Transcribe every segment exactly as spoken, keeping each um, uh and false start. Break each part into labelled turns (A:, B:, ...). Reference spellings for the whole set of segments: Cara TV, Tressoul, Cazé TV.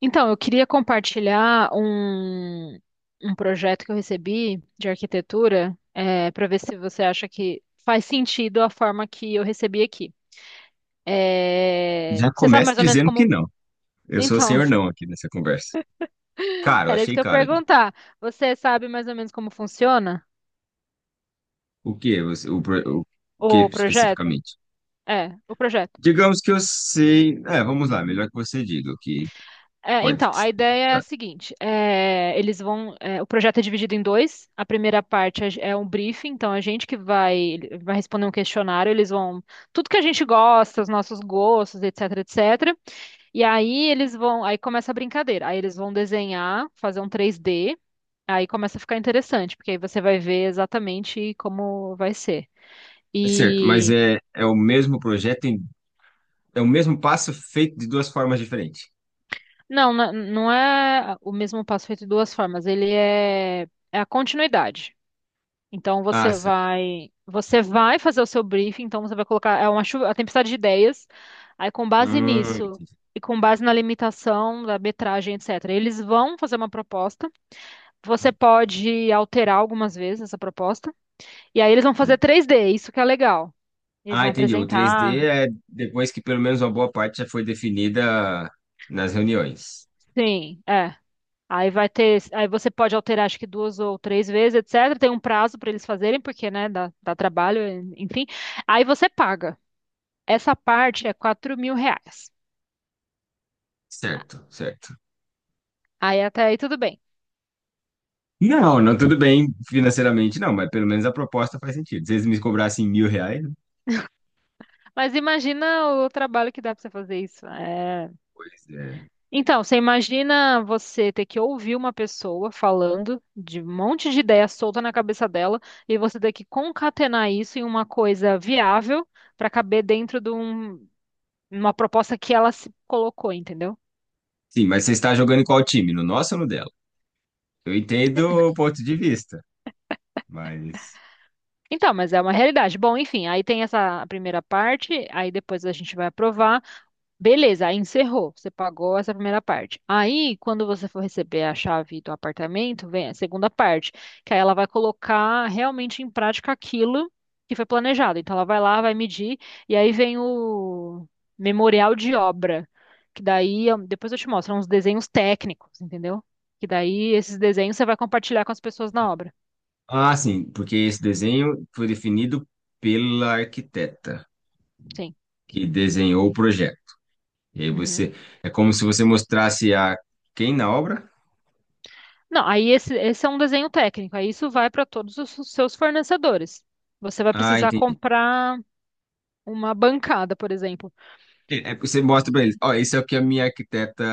A: Então, eu queria compartilhar um, um projeto que eu recebi de arquitetura, para ver se você acha que faz sentido a forma que eu recebi aqui. É,
B: Já
A: você sabe
B: começa
A: mais ou menos
B: dizendo que
A: como.
B: não. Eu sou o
A: Então,
B: senhor não aqui nessa conversa. Caro,
A: era isso
B: achei
A: que eu ia
B: caro. Já.
A: perguntar. Você sabe mais ou menos como funciona
B: O que você, o, pro- o, O que
A: o projeto?
B: especificamente?
A: É, o projeto.
B: Digamos que eu sei. É, vamos lá, melhor que você diga o que que
A: É,
B: pode
A: então,
B: ser.
A: a ideia é a seguinte: é, eles vão. É, o projeto é dividido em dois. A primeira parte é é um briefing, então a gente que vai, vai responder um questionário, eles vão. Tudo que a gente gosta, os nossos gostos, etc, etcetera. E aí eles vão. Aí começa a brincadeira. Aí eles vão desenhar, fazer um três D. Aí começa a ficar interessante, porque aí você vai ver exatamente como vai ser.
B: É certo, mas
A: E.
B: é, é o mesmo projeto, em, é o mesmo passo feito de duas formas diferentes.
A: Não, não, não é o mesmo passo feito de duas formas. Ele é, é a continuidade. Então
B: Ah,
A: você
B: saquei.
A: vai, você vai fazer o seu briefing, então você vai colocar é uma chuva, a tempestade de ideias. Aí com base
B: Hum,
A: nisso
B: entendi.
A: e com base na limitação da metragem, etcetera. Eles vão fazer uma proposta. Você pode alterar algumas vezes essa proposta. E aí eles vão fazer três D, isso que é legal. Eles
B: Ah,
A: vão
B: entendi. O três
A: apresentar.
B: d é depois que pelo menos uma boa parte já foi definida nas reuniões.
A: Sim, é. Aí vai ter, aí você pode alterar acho que duas ou três vezes, etcetera. Tem um prazo para eles fazerem, porque, né, dá, dá trabalho, enfim. Aí você paga. Essa parte é quatro mil reais.
B: Certo, certo.
A: Aí até aí tudo bem.
B: Não, não, tudo bem financeiramente, não, mas pelo menos a proposta faz sentido. Se eles me cobrassem mil reais,
A: Mas imagina o trabalho que dá pra você fazer isso. É.
B: pois é.
A: Então, você imagina você ter que ouvir uma pessoa falando de um monte de ideia solta na cabeça dela e você ter que concatenar isso em uma coisa viável pra caber dentro de um- uma proposta que ela se colocou, entendeu?
B: Sim, mas você está jogando em qual time? No nosso ou no dela? Eu entendo o ponto de vista, mas.
A: Então, mas é uma realidade. Bom, enfim, aí tem essa primeira parte, aí depois a gente vai aprovar. Beleza, aí encerrou. Você pagou essa primeira parte. Aí, quando você for receber a chave do apartamento, vem a segunda parte, que aí ela vai colocar realmente em prática aquilo que foi planejado. Então, ela vai lá, vai medir, e aí vem o memorial de obra, que daí, eu- depois eu te mostro, são uns desenhos técnicos, entendeu? Que daí, esses desenhos você vai compartilhar com as pessoas na obra.
B: Ah, sim, porque esse desenho foi definido pela arquiteta
A: Sim.
B: que desenhou o projeto. E aí
A: Uhum.
B: você. É como se você mostrasse a quem na obra?
A: Não, aí esse, esse é um desenho técnico, aí isso vai para todos os seus fornecedores. Você vai
B: Ah,
A: precisar
B: entendi.
A: comprar. Uma bancada, por exemplo.
B: É, é, porque você mostra para eles: ó, esse é o que a minha arquiteta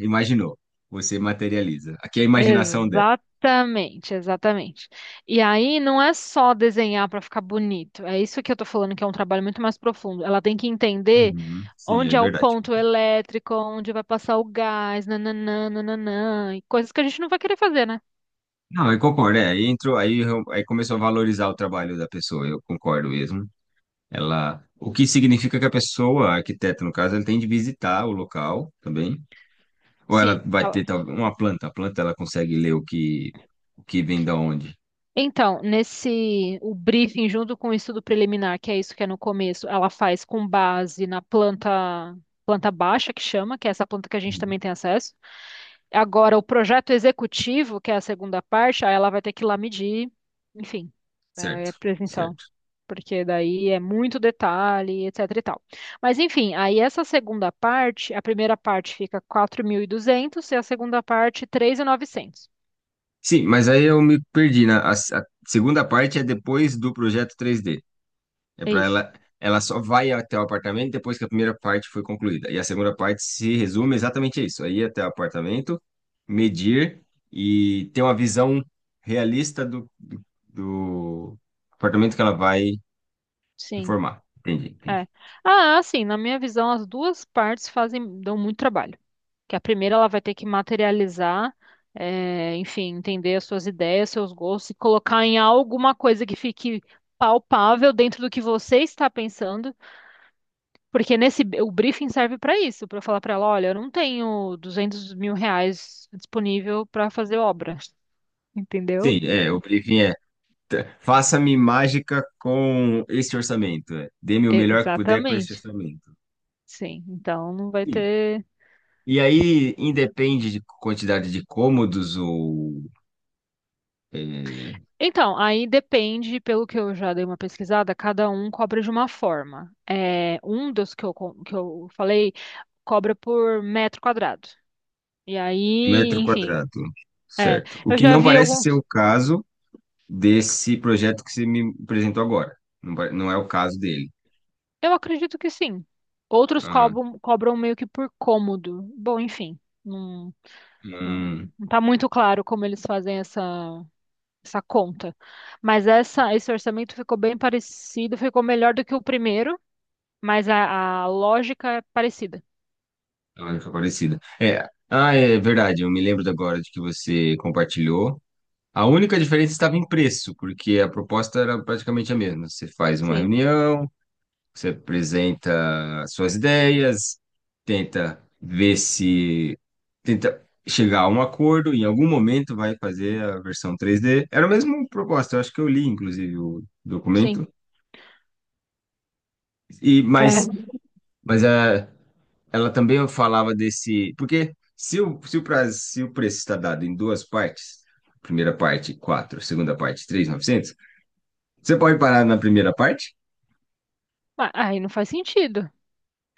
B: imaginou. Você materializa. Aqui é a imaginação.
A: Exatamente, exatamente. E aí não é só desenhar para ficar bonito. É isso que eu tô falando que é um trabalho muito mais profundo. Ela tem que entender
B: Uhum, sim,
A: onde
B: é
A: é o
B: verdade.
A: ponto elétrico, onde vai passar o gás, nananã, nananã, e coisas que a gente não vai querer fazer, né?
B: Não, eu concordo, é, aí entrou, aí, eu- aí começou a valorizar o trabalho da pessoa, eu concordo mesmo. Ela, o que significa que a pessoa, a arquiteta no caso, ela tem de visitar o local também, ou ela
A: Sim.
B: vai
A: ela-
B: ter tal- uma planta, a planta ela consegue ler o que, o que vem da onde.
A: Então, nesse o briefing junto com o estudo preliminar, que é isso que é no começo, ela faz com base na planta planta baixa que chama, que é essa planta que a gente
B: Uhum.
A: também tem acesso. Agora, o projeto executivo, que é a segunda parte, aí ela vai ter que ir lá medir, enfim,
B: Certo,
A: é presencial,
B: certo.
A: porque daí é muito detalhe, etc e tal. Mas, enfim, aí essa segunda parte, a primeira parte fica quatro mil e duzentos e a segunda parte três mil e novecentos.
B: Sim, mas aí eu me perdi, na, a a segunda parte é depois do projeto três D. É
A: É
B: para
A: isso,
B: ela, ela só vai até o apartamento depois que a primeira parte foi concluída. E a segunda parte se resume exatamente a isso: aí até o apartamento, medir e ter uma visão realista do, do, do apartamento que ela vai
A: sim,
B: reformar. Entendi,
A: é.
B: entendi.
A: Ah, sim, na minha visão, as duas partes fazem, dão muito trabalho. Que a primeira ela vai ter que materializar, eh, enfim, entender as suas ideias, seus gostos e colocar em alguma coisa que fique palpável dentro do que você está pensando, porque nesse o briefing serve para isso, para eu falar para ela, olha, eu não tenho duzentos mil reais disponível para fazer obra, entendeu?
B: Sim, é, o briefing é: t- faça-me mágica com esse orçamento. É. Dê-me o melhor que puder com esse
A: Exatamente.
B: orçamento.
A: Sim, então não vai
B: Sim.
A: ter.
B: E aí, independe de quantidade de cômodos ou é,
A: Então, aí depende, pelo que eu já dei uma pesquisada, cada um cobra de uma forma. É, um dos que eu, con- que eu falei cobra por metro quadrado. E aí,
B: metro
A: enfim,
B: quadrado,
A: é,
B: certo. O
A: eu
B: que
A: já
B: não
A: vi
B: parece ser
A: alguns,
B: o caso desse projeto que você me apresentou agora. Não, pare- não é o caso dele.
A: eu acredito que sim. Outros
B: Ah,
A: cobram, cobram meio que por cômodo. Bom, enfim, não, não,
B: hum,
A: não tá muito claro como eles fazem essa, essa conta. Mas essa, esse orçamento ficou bem parecido, ficou melhor do que o primeiro, mas a, a lógica é parecida.
B: lógica parecida. É, ah, é verdade, eu me lembro de agora de que você compartilhou. A única diferença estava em preço, porque a proposta era praticamente a mesma. Você faz uma
A: Sim,
B: reunião, você apresenta suas ideias, tenta ver se tenta chegar a um acordo, em algum momento vai fazer a versão três D. Era a mesma proposta, eu acho que eu li, inclusive, o
A: sim.
B: documento. E,
A: É,
B: mas mas a, ela também falava desse. Porque se o, se o, prazo, se o preço está dado em duas partes, primeira parte quatro, segunda parte três mil e novecentos. Você pode parar na primeira parte.
A: ma- aí não faz sentido,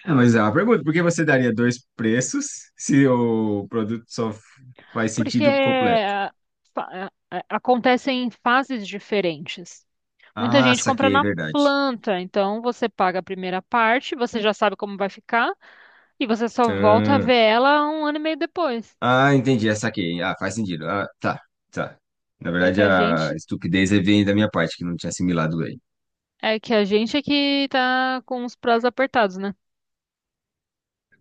B: É, mas é uma pergunta, por que você daria dois preços se o produto só faz
A: porque
B: sentido completo?
A: ah, fa- ah, ah, acontecem em fases diferentes. Muita
B: Ah,
A: gente compra
B: saquei,
A: na
B: verdade.
A: planta, então você paga a primeira parte, você já sabe como vai ficar e você só volta a
B: Ah,
A: ver ela um ano e meio depois.
B: ah, Entendi, é, saquei. Ah, faz sentido. Ah, tá, tá. Na
A: É que
B: verdade,
A: a
B: a
A: gente
B: estupidez aí vem da minha parte, que não tinha assimilado bem.
A: é que a gente é que tá com os prazos apertados, né?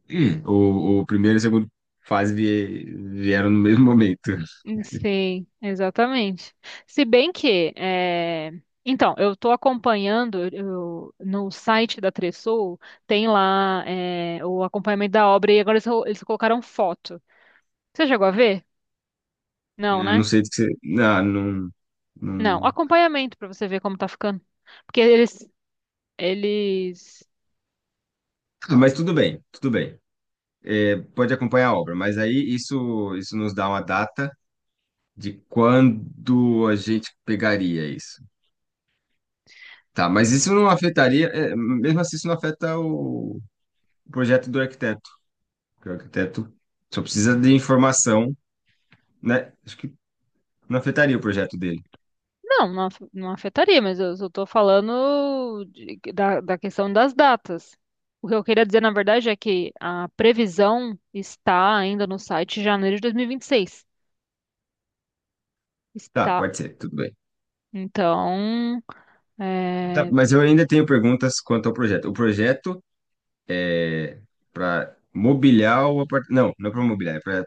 B: Hum, o, o primeiro e o segundo fase vie- vieram no mesmo momento.
A: Sim, exatamente. Se bem que, é, então, eu estou acompanhando eu- no site da Tressoul, tem lá é, o acompanhamento da obra e agora eles, eles colocaram foto. Você chegou a ver? Não,
B: Eu não
A: né?
B: sei do que você... Não, não,
A: Não,
B: não...
A: acompanhamento pra você ver como tá ficando. Porque eles, eles.
B: Ah, mas tudo bem, tudo bem. Pode acompanhar a obra, mas aí isso, isso nos dá uma data de quando a gente pegaria isso? Tá, mas isso não afetaria, é, mesmo assim, isso não afeta o, o projeto do arquiteto, porque o arquiteto só precisa de informação, né? Acho que não afetaria o projeto dele.
A: Não, não, af- não afetaria, mas eu só tô falando de- da, da questão das datas. O que eu queria dizer, na verdade, é que a previsão está ainda no site de janeiro de dois mil e e vinte e seis.
B: Tá,
A: Está.
B: pode ser, tudo bem.
A: Então,
B: Tá,
A: é,
B: mas eu ainda tenho perguntas quanto ao projeto. O projeto é para mobiliar o apartamento. Não, não é para mobiliar, é para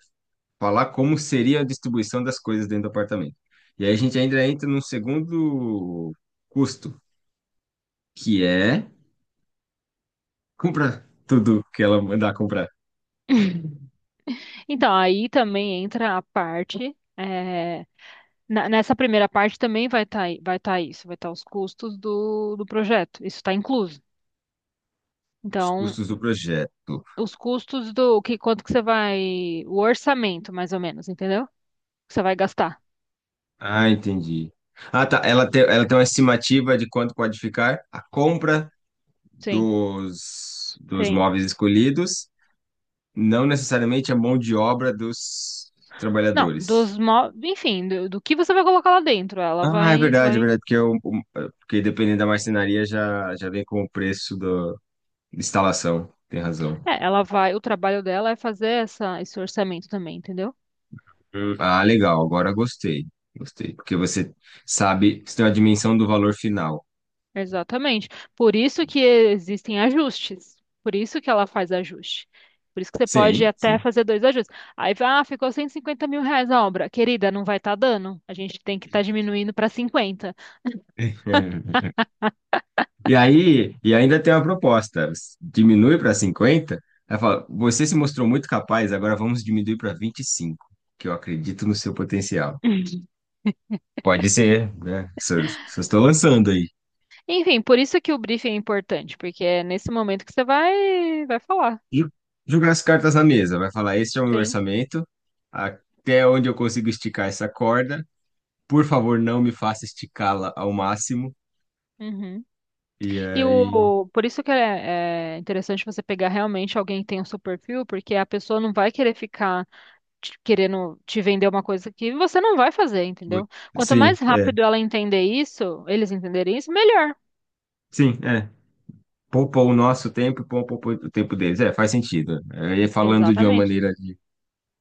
B: falar como seria a distribuição das coisas dentro do apartamento. E aí a gente ainda entra num segundo custo, que é compra tudo que ela mandar comprar.
A: Então, aí também entra a parte. É, na- nessa primeira parte também vai estar vai tá isso, vai estar os custos do, do projeto. Isso está incluso.
B: Os
A: Então,
B: custos do projeto.
A: os custos do que quanto que você vai, o orçamento mais ou menos, entendeu? Que você vai gastar.
B: Ah, entendi. Ah, tá. Ela tem, ela tem uma estimativa de quanto pode ficar a compra
A: Sim,
B: dos, dos
A: tem.
B: móveis escolhidos, não necessariamente a mão de obra dos
A: Não,
B: trabalhadores.
A: dos, mo- enfim, do, do que você vai colocar lá dentro, ela
B: Ah, é
A: vai,
B: verdade, é
A: vai,
B: verdade, porque, eu, porque dependendo da marcenaria já, já vem com o preço da instalação. Tem razão.
A: é, ela vai, o trabalho dela é fazer essa, esse orçamento também, entendeu?
B: Hum. Ah, legal, agora gostei. Gostei, porque você sabe, você tem uma dimensão do valor final.
A: Exatamente. Por isso que existem ajustes. Por isso que ela faz ajuste. Por isso que você pode
B: Sim,
A: até
B: sim.
A: fazer dois ajustes. Aí, ah, ficou cento e cinquenta mil reais a obra. Querida, não vai estar dando. A gente tem que estar diminuindo para cinquenta.
B: E aí, e ainda tem uma proposta, diminui para cinquenta aí fala, você se mostrou muito capaz, agora vamos diminuir para vinte e cinco que eu acredito no seu potencial. Pode ser, né? Só, só estou lançando aí.
A: Enfim, por isso que o briefing é importante, porque é nesse momento que você vai, vai falar.
B: Ju- Jogar as cartas na mesa, vai falar, este é o meu
A: Sim.
B: orçamento, até onde eu consigo esticar essa corda, por favor, não me faça esticá-la ao máximo,
A: Uhum.
B: e
A: E
B: aí...
A: o, por isso que é, é interessante você pegar realmente alguém que tem o seu perfil, porque a pessoa não vai querer ficar te- querendo te vender uma coisa que você não vai fazer, entendeu? Quanto mais
B: Sim, é,
A: rápido ela entender isso, eles entenderem isso, melhor.
B: sim, é, poupou o nosso tempo e poupou o tempo deles. É, faz sentido. É, falando de uma
A: Exatamente.
B: maneira de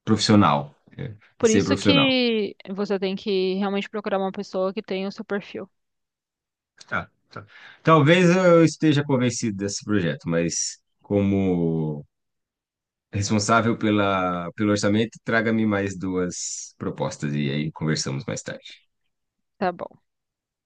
B: profissional, é, de
A: Por
B: ser
A: isso
B: profissional.
A: que você tem que realmente procurar uma pessoa que tenha o seu perfil.
B: Tá, tá. Talvez eu esteja convencido desse projeto, mas como responsável pela, pelo orçamento, traga-me mais duas propostas e aí conversamos mais tarde.
A: Tá bom.